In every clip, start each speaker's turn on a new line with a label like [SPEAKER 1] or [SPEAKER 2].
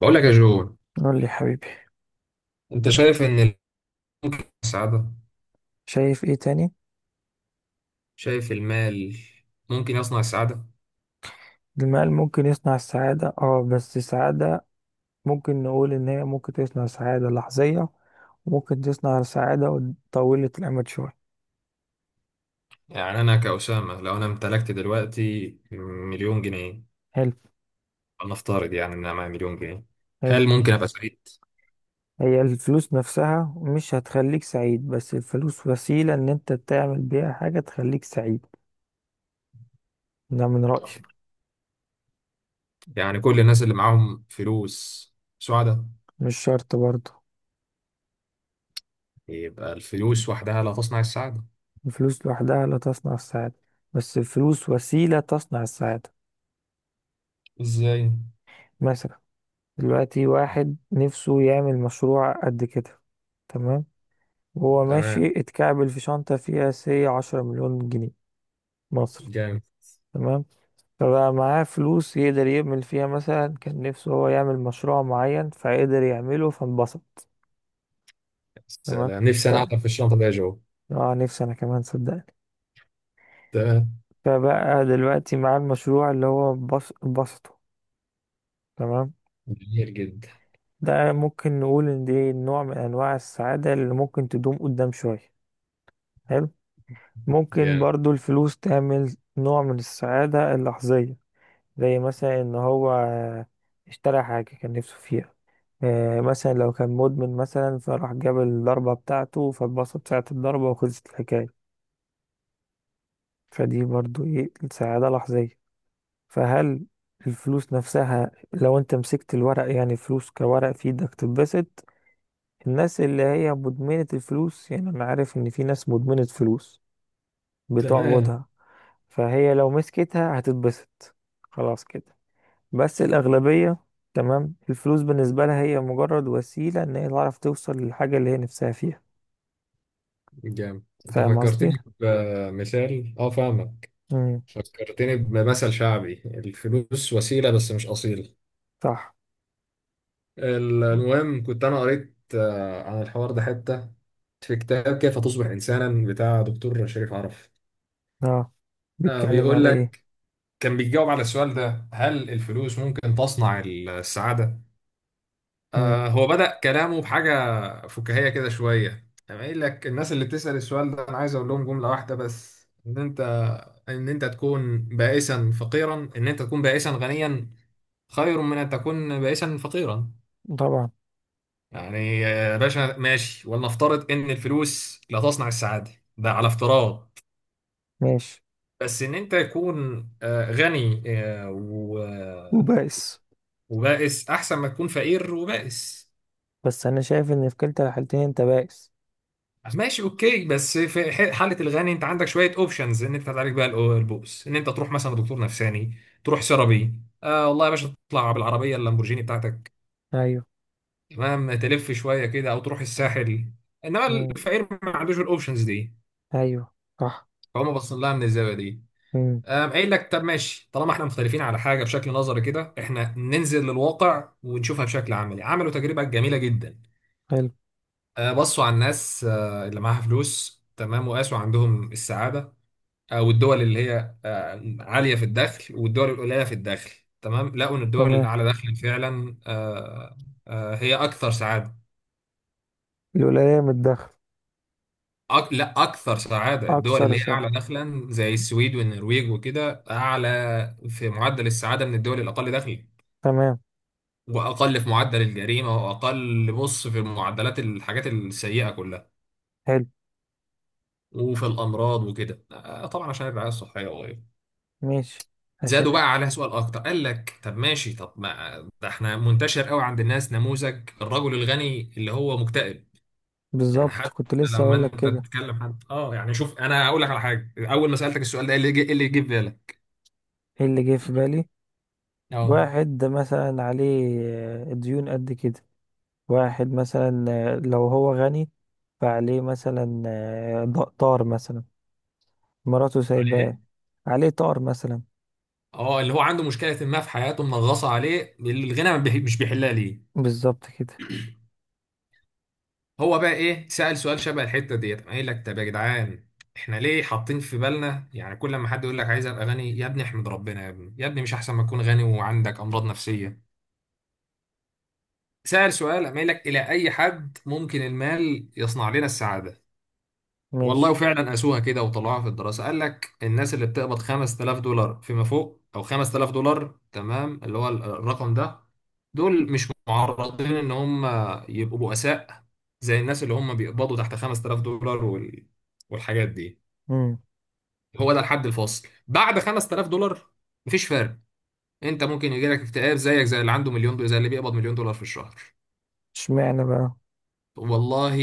[SPEAKER 1] بقول لك يا جو،
[SPEAKER 2] قول لي يا حبيبي.
[SPEAKER 1] انت شايف ان ممكن يصنع السعادة.
[SPEAKER 2] شايف ايه تاني؟
[SPEAKER 1] شايف المال ممكن يصنع السعادة.
[SPEAKER 2] المال ممكن يصنع السعادة، اه، بس السعادة ممكن نقول ان هي ممكن تصنع سعادة لحظية، وممكن تصنع سعادة طويلة الأمد شوية.
[SPEAKER 1] يعني انا كأسامة، لو انا امتلكت دلوقتي مليون جنيه،
[SPEAKER 2] حلو
[SPEAKER 1] نفترض يعني ان انا معايا مليون جنيه،
[SPEAKER 2] حلو.
[SPEAKER 1] هل ممكن ابقى سعيد؟
[SPEAKER 2] هي الفلوس نفسها مش هتخليك سعيد، بس الفلوس وسيلة ان انت تعمل بيها حاجة تخليك سعيد. ده من رأيي.
[SPEAKER 1] يعني كل الناس اللي معاهم فلوس سعداء؟
[SPEAKER 2] مش شرط برضه.
[SPEAKER 1] يبقى الفلوس وحدها لا تصنع السعادة.
[SPEAKER 2] الفلوس لوحدها لا تصنع السعادة، بس الفلوس وسيلة تصنع السعادة.
[SPEAKER 1] ازاي؟
[SPEAKER 2] مثلا دلوقتي واحد نفسه يعمل مشروع قد كده، تمام، وهو ماشي
[SPEAKER 1] تمام.
[SPEAKER 2] اتكعبل في شنطة فيها سي 10 مليون جنيه مصري.
[SPEAKER 1] جامد.
[SPEAKER 2] تمام. فبقى معاه فلوس يقدر يعمل فيها مثلا كان نفسه هو يعمل مشروع معين فقدر يعمله فانبسط. تمام.
[SPEAKER 1] سلام. نفسي
[SPEAKER 2] ف
[SPEAKER 1] انا اعطى في الشنطة دي يا جو.
[SPEAKER 2] اه نفسي انا كمان صدقني.
[SPEAKER 1] تمام.
[SPEAKER 2] فبقى دلوقتي معاه المشروع اللي هو انبسطه. تمام.
[SPEAKER 1] جميل جدا.
[SPEAKER 2] ده ممكن نقول ان دي نوع من انواع السعادة اللي ممكن تدوم قدام شوية. حلو. ممكن
[SPEAKER 1] جامد.
[SPEAKER 2] برضو الفلوس تعمل نوع من السعادة اللحظية، زي مثلا ان هو اشترى حاجة كان نفسه فيها. مثلا لو كان مدمن مثلا، فراح جاب الضربة بتاعته فاتبسط ساعة الضربة وخلصت الحكاية. فدي برضو ايه سعادة لحظية. فهل الفلوس نفسها لو انت مسكت الورق، يعني فلوس كورق في ايدك تتبسط؟ الناس اللي هي مدمنة الفلوس، يعني انا عارف ان في ناس مدمنة فلوس،
[SPEAKER 1] تمام.
[SPEAKER 2] بتعبدها، فهي لو مسكتها هتتبسط، خلاص كده. بس الأغلبية، تمام، الفلوس بالنسبة لها هي مجرد وسيلة إن هي تعرف توصل للحاجة اللي هي نفسها فيها.
[SPEAKER 1] جامد، انت
[SPEAKER 2] فاهم قصدي؟
[SPEAKER 1] فكرتني بمثال. اه، فاهمك.
[SPEAKER 2] مم.
[SPEAKER 1] فكرتني بمثل شعبي: الفلوس وسيلة بس مش أصيلة.
[SPEAKER 2] صح.
[SPEAKER 1] المهم، كنت أنا قريت عن الحوار ده حتة في كتاب كيف تصبح إنسانا بتاع دكتور شريف عرف.
[SPEAKER 2] اه. بيتكلم
[SPEAKER 1] بيقول
[SPEAKER 2] على ايه؟
[SPEAKER 1] لك كان بيجاوب على السؤال ده: هل الفلوس ممكن تصنع السعادة؟
[SPEAKER 2] مم.
[SPEAKER 1] هو بدأ كلامه بحاجة فكاهية كده شوية، أنا قايل لك الناس اللي بتسأل السؤال ده أنا عايز أقول لهم جملة واحدة بس: إن أنت، إن أنت تكون بائسا فقيرا، إن أنت تكون بائسا غنيا، خير من أن تكون بائسا فقيرا.
[SPEAKER 2] طبعا.
[SPEAKER 1] يعني يا باشا ماشي، ولنفترض إن الفلوس لا تصنع السعادة، ده على افتراض.
[SPEAKER 2] ماشي.
[SPEAKER 1] بس إن أنت تكون غني
[SPEAKER 2] وبائس.
[SPEAKER 1] وبائس، أحسن ما تكون فقير وبائس.
[SPEAKER 2] بس أنا شايف إن في كلتا الحالتين أنت بائس.
[SPEAKER 1] ماشي، اوكي، بس في حاله الغني انت عندك شويه اوبشنز ان انت تعالج بقى البؤس، ان انت تروح مثلا دكتور نفساني، تروح سيرابي، والله يا باشا تطلع بالعربيه اللامبورجيني بتاعتك،
[SPEAKER 2] أيوه.
[SPEAKER 1] تمام، تلف شويه كده، او تروح الساحل. انما
[SPEAKER 2] مم.
[SPEAKER 1] الفقير ما عندوش الاوبشنز دي.
[SPEAKER 2] أيوه. صح.
[SPEAKER 1] فهم باصين لها من الزاويه دي.
[SPEAKER 2] مم.
[SPEAKER 1] قام قايل لك طب ماشي، طالما احنا مختلفين على حاجه بشكل نظري كده، احنا ننزل للواقع ونشوفها بشكل عملي. عملوا تجربه جميله جدا.
[SPEAKER 2] حلو.
[SPEAKER 1] بصوا على الناس اللي معاها فلوس، تمام، وقاسوا عندهم السعاده، او الدول اللي هي عاليه في الدخل والدول القليله في الدخل. تمام، لقوا ان الدول
[SPEAKER 2] تمام.
[SPEAKER 1] الاعلى دخلا فعلا هي اكثر سعاده.
[SPEAKER 2] الولاية من الدخل.
[SPEAKER 1] لا، اكثر سعاده الدول
[SPEAKER 2] أكثر
[SPEAKER 1] اللي هي
[SPEAKER 2] سهل.
[SPEAKER 1] اعلى دخلا زي السويد والنرويج وكده، اعلى في معدل السعاده من الدول الاقل دخلا،
[SPEAKER 2] تمام.
[SPEAKER 1] واقل في معدل الجريمه، واقل، بص، في معدلات الحاجات السيئه كلها،
[SPEAKER 2] حلو.
[SPEAKER 1] وفي الامراض وكده، طبعا عشان الرعايه الصحيه.
[SPEAKER 2] ماشي. عشان
[SPEAKER 1] زادوا
[SPEAKER 2] إح-
[SPEAKER 1] بقى عليها سؤال اكتر، قال لك طب ماشي، طب ما ده احنا منتشر قوي عند الناس نموذج الرجل الغني اللي هو مكتئب. يعني
[SPEAKER 2] بالظبط
[SPEAKER 1] حتى
[SPEAKER 2] كنت لسه
[SPEAKER 1] لما
[SPEAKER 2] أقولك
[SPEAKER 1] انت
[SPEAKER 2] كده.
[SPEAKER 1] تتكلم حد، يعني شوف، انا اقول لك على حاجه، اول ما سالتك السؤال ده إيه اللي إيه اللي يجي في بالك؟
[SPEAKER 2] إيه اللي جه في بالي؟
[SPEAKER 1] اه.
[SPEAKER 2] واحد ده مثلا عليه ديون قد كده. واحد مثلا لو هو غني، فعليه مثلا، طار مثلا، مراته
[SPEAKER 1] على
[SPEAKER 2] سايباه.
[SPEAKER 1] ايه؟
[SPEAKER 2] عليه طار مثلا.
[SPEAKER 1] اه، اللي هو عنده مشكله ما في حياته منغصه عليه، الغنى ما بيح- مش بيحلها ليه.
[SPEAKER 2] بالظبط كده.
[SPEAKER 1] هو بقى ايه، سال سؤال شبه الحته ديت، قام قايل لك طب يا جدعان، احنا ليه حاطين في بالنا يعني كل ما حد يقول لك عايز ابقى غني، يا ابني احمد ربنا يا ابني، يا ابني مش احسن ما تكون غني وعندك امراض نفسيه؟ سأل سؤال، قام قايل لك: إلى أي حد ممكن المال يصنع لنا السعادة؟ والله
[SPEAKER 2] ماشي.
[SPEAKER 1] وفعلا قاسوها كده وطلعوها في الدراسة، قال لك الناس اللي بتقبض $5000 فيما فوق، أو $5000، تمام، اللي هو الرقم ده، دول مش معرضين إن هم يبقوا بؤساء زي الناس اللي هم بيقبضوا تحت $5000 والحاجات دي.
[SPEAKER 2] امم.
[SPEAKER 1] هو ده الحد الفاصل، بعد $5000 مفيش فرق. انت ممكن يجيلك اكتئاب زيك زي اللي عنده مليون دولار، زي اللي بيقبض مليون دولار في الشهر.
[SPEAKER 2] اشمعنى بقى؟
[SPEAKER 1] والله،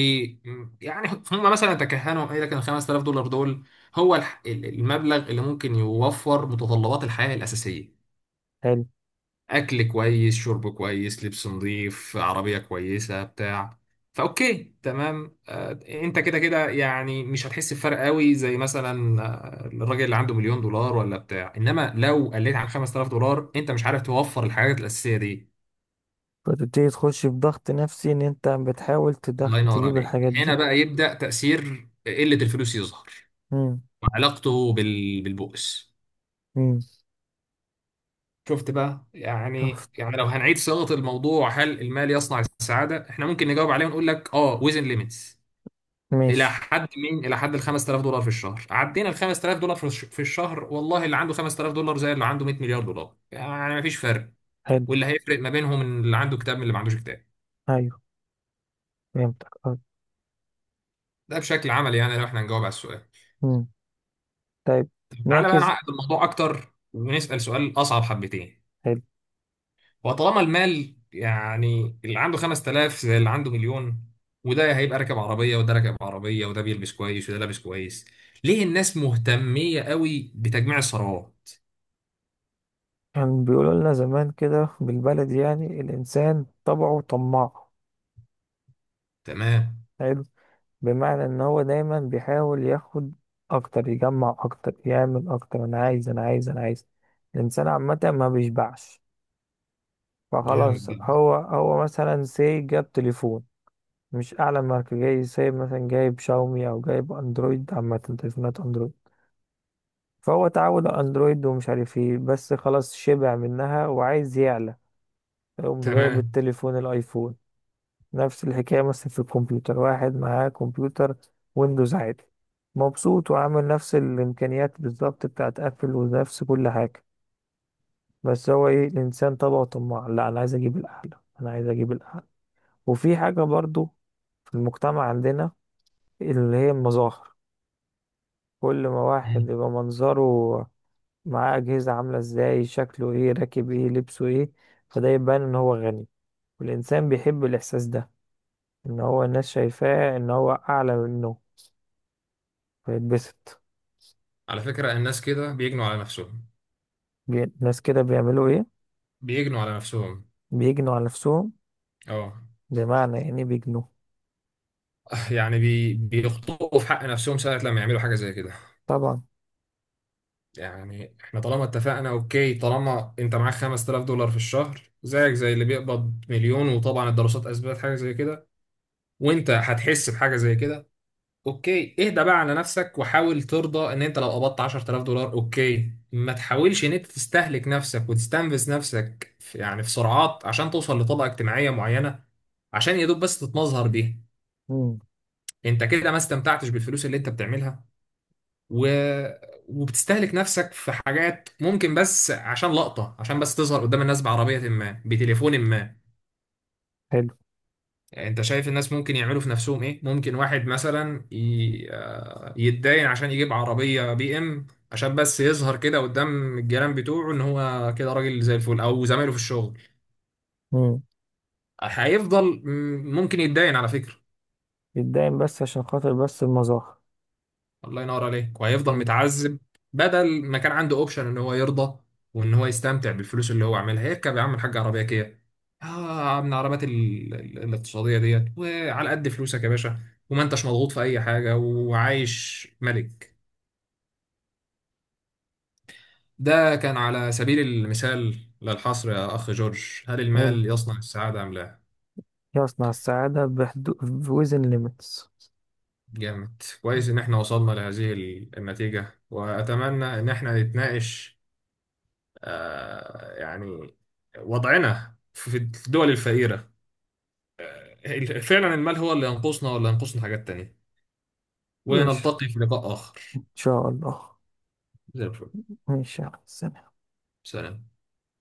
[SPEAKER 1] يعني هم مثلا تكهنوا، قال لك ان $5000 دول هو المبلغ اللي ممكن يوفر متطلبات الحياة الأساسية،
[SPEAKER 2] حلو.
[SPEAKER 1] أكل كويس، شرب كويس، لبس نظيف، عربية كويسة، بتاع. فأوكي تمام، أنت كده كده يعني مش هتحس بفرق قوي زي مثلا الراجل اللي عنده مليون دولار ولا بتاع. إنما لو قليت عن $5000 أنت مش عارف توفر الحاجات الأساسية دي.
[SPEAKER 2] فتبتدي تخش في ضغط نفسي ان انت بتحاول
[SPEAKER 1] الله
[SPEAKER 2] تدخل
[SPEAKER 1] ينور
[SPEAKER 2] تجيب
[SPEAKER 1] عليك.
[SPEAKER 2] الحاجات
[SPEAKER 1] هنا
[SPEAKER 2] دي.
[SPEAKER 1] بقى يبدأ تأثير قلة الفلوس يظهر،
[SPEAKER 2] امم.
[SPEAKER 1] وعلاقته بالبؤس.
[SPEAKER 2] امم.
[SPEAKER 1] شفت بقى. يعني
[SPEAKER 2] شفت.
[SPEAKER 1] يعني لو هنعيد صياغة الموضوع هل المال يصنع السعادة، احنا ممكن نجاوب عليه ونقول لك اه، ويزن ليميتس. الى
[SPEAKER 2] ماشي.
[SPEAKER 1] حد مين؟ الى حد ال $5000 في الشهر. عدينا ال $5000 في الشهر، والله اللي عنده $5000 زي اللي عنده 100 مليار دولار، يعني مفيش فرق.
[SPEAKER 2] حلو.
[SPEAKER 1] واللي هيفرق ما بينهم إن اللي عنده كتاب من اللي ما عندوش كتاب.
[SPEAKER 2] ايوه. فهمتك. اه.
[SPEAKER 1] ده بشكل عملي يعني، لو احنا نجاوب على السؤال.
[SPEAKER 2] امم. طيب.
[SPEAKER 1] طب تعالى بقى
[SPEAKER 2] نعكس.
[SPEAKER 1] نعقد الموضوع اكتر، ونسأل سؤال اصعب حبتين.
[SPEAKER 2] حلو.
[SPEAKER 1] وطالما المال، يعني اللي عنده 5000 زي اللي عنده مليون، وده هيبقى راكب عربية وده راكب عربية، وده بيلبس كويس وده لابس كويس، ليه الناس مهتمية قوي بتجميع الثروات؟
[SPEAKER 2] كان بيقولوا لنا زمان كده بالبلدي، يعني الإنسان طبعه طماع.
[SPEAKER 1] تمام.
[SPEAKER 2] حلو. بمعنى إن هو دايما بيحاول ياخد أكتر، يجمع أكتر، يعمل أكتر. أنا عايز، أنا عايز، أنا عايز. الإنسان عامة ما بيشبعش.
[SPEAKER 1] جامد
[SPEAKER 2] فخلاص،
[SPEAKER 1] جدا.
[SPEAKER 2] هو مثلا سي جاب تليفون، مش أعلى ماركة. جاي سي مثلا جايب شاومي أو جايب أندرويد، عامة تليفونات أندرويد. فهو اتعود على أندرويد ومش عارف إيه، بس خلاص شبع منها وعايز يعلى، يقوم جايب
[SPEAKER 1] تمام.
[SPEAKER 2] التليفون الأيفون. نفس الحكاية مثلا في الكمبيوتر، واحد معاه كمبيوتر ويندوز عادي، مبسوط وعامل نفس الإمكانيات بالظبط بتاعت أبل ونفس كل حاجة، بس هو إيه، الإنسان طبعه طماع، لا أنا عايز أجيب الأعلى، أنا عايز أجيب الأعلى. وفي حاجة برضو في المجتمع عندنا، اللي هي المظاهر، كل ما واحد
[SPEAKER 1] مم.
[SPEAKER 2] يبقى منظره معاه أجهزة، عاملة إزاي، شكله إيه، راكب إيه، لبسه إيه، فده يبان إن هو غني، والإنسان بيحب الإحساس ده، إن هو الناس شايفاه إن هو أعلى منه، فيتبسط.
[SPEAKER 1] على فكرة الناس كده بيجنوا على نفسهم.
[SPEAKER 2] ناس كده بيعملوا ايه؟
[SPEAKER 1] بيجنوا على نفسهم.
[SPEAKER 2] بيجنوا على نفسهم.
[SPEAKER 1] اه.
[SPEAKER 2] بمعنى يعني بيجنوا.
[SPEAKER 1] يعني بيخطئوا في حق نفسهم ساعة لما يعملوا حاجة زي كده.
[SPEAKER 2] طبعا.
[SPEAKER 1] يعني احنا طالما اتفقنا، اوكي، طالما انت معاك $5000 في الشهر زيك زي اللي بيقبض مليون، وطبعا الدراسات اثبتت حاجه زي كده، وانت هتحس بحاجه زي كده. اوكي، اهدى بقى على نفسك، وحاول ترضى ان انت لو قبضت $10000 اوكي، ما تحاولش ان انت تستهلك نفسك وتستنفذ نفسك في سرعات عشان توصل لطبقه اجتماعيه معينه، عشان يا دوب بس تتمظهر بيها.
[SPEAKER 2] مم.
[SPEAKER 1] انت كده ما استمتعتش بالفلوس اللي انت بتعملها، و... وبتستهلك نفسك في حاجات، ممكن بس عشان لقطة، عشان بس تظهر قدام الناس بعربية ما، بتليفون ما.
[SPEAKER 2] حلو.
[SPEAKER 1] انت شايف الناس ممكن يعملوا في نفسهم ايه؟ ممكن واحد مثلا ي... آه، يتداين عشان يجيب عربية بي ام عشان بس يظهر كده قدام الجيران بتوعه ان هو كده راجل زي الفل، او زمايله في الشغل.
[SPEAKER 2] مم.
[SPEAKER 1] هيفضل، ممكن يتداين على فكرة.
[SPEAKER 2] يتداين بس عشان خاطر بس المظاهر.
[SPEAKER 1] الله ينور عليك، وهيفضل
[SPEAKER 2] مم.
[SPEAKER 1] متعذب. بدل ما كان عنده اوبشن ان هو يرضى وان هو يستمتع بالفلوس اللي هو عاملها، هيركب يا عم الحاج عربيه كيا، اه، من العربيات الاقتصاديه ديت، وعلى قد فلوسك يا باشا، وما انتش مضغوط في اي حاجه، وعايش ملك. ده كان على سبيل المثال للحصر. يا اخ جورج، هل
[SPEAKER 2] حلو.
[SPEAKER 1] المال يصنع السعاده ام لا؟
[SPEAKER 2] يصنع السعادة بحدود. within limits.
[SPEAKER 1] جامد، كويس ان احنا وصلنا لهذه النتيجه، واتمنى ان احنا نتناقش، يعني وضعنا في الدول الفقيرة، فعلا المال هو اللي ينقصنا ولا ينقصنا حاجات تانية،
[SPEAKER 2] ماشي.
[SPEAKER 1] ونلتقي في لقاء آخر.
[SPEAKER 2] إن شاء الله.
[SPEAKER 1] زي الفل.
[SPEAKER 2] ماشي يا عم.
[SPEAKER 1] سلام.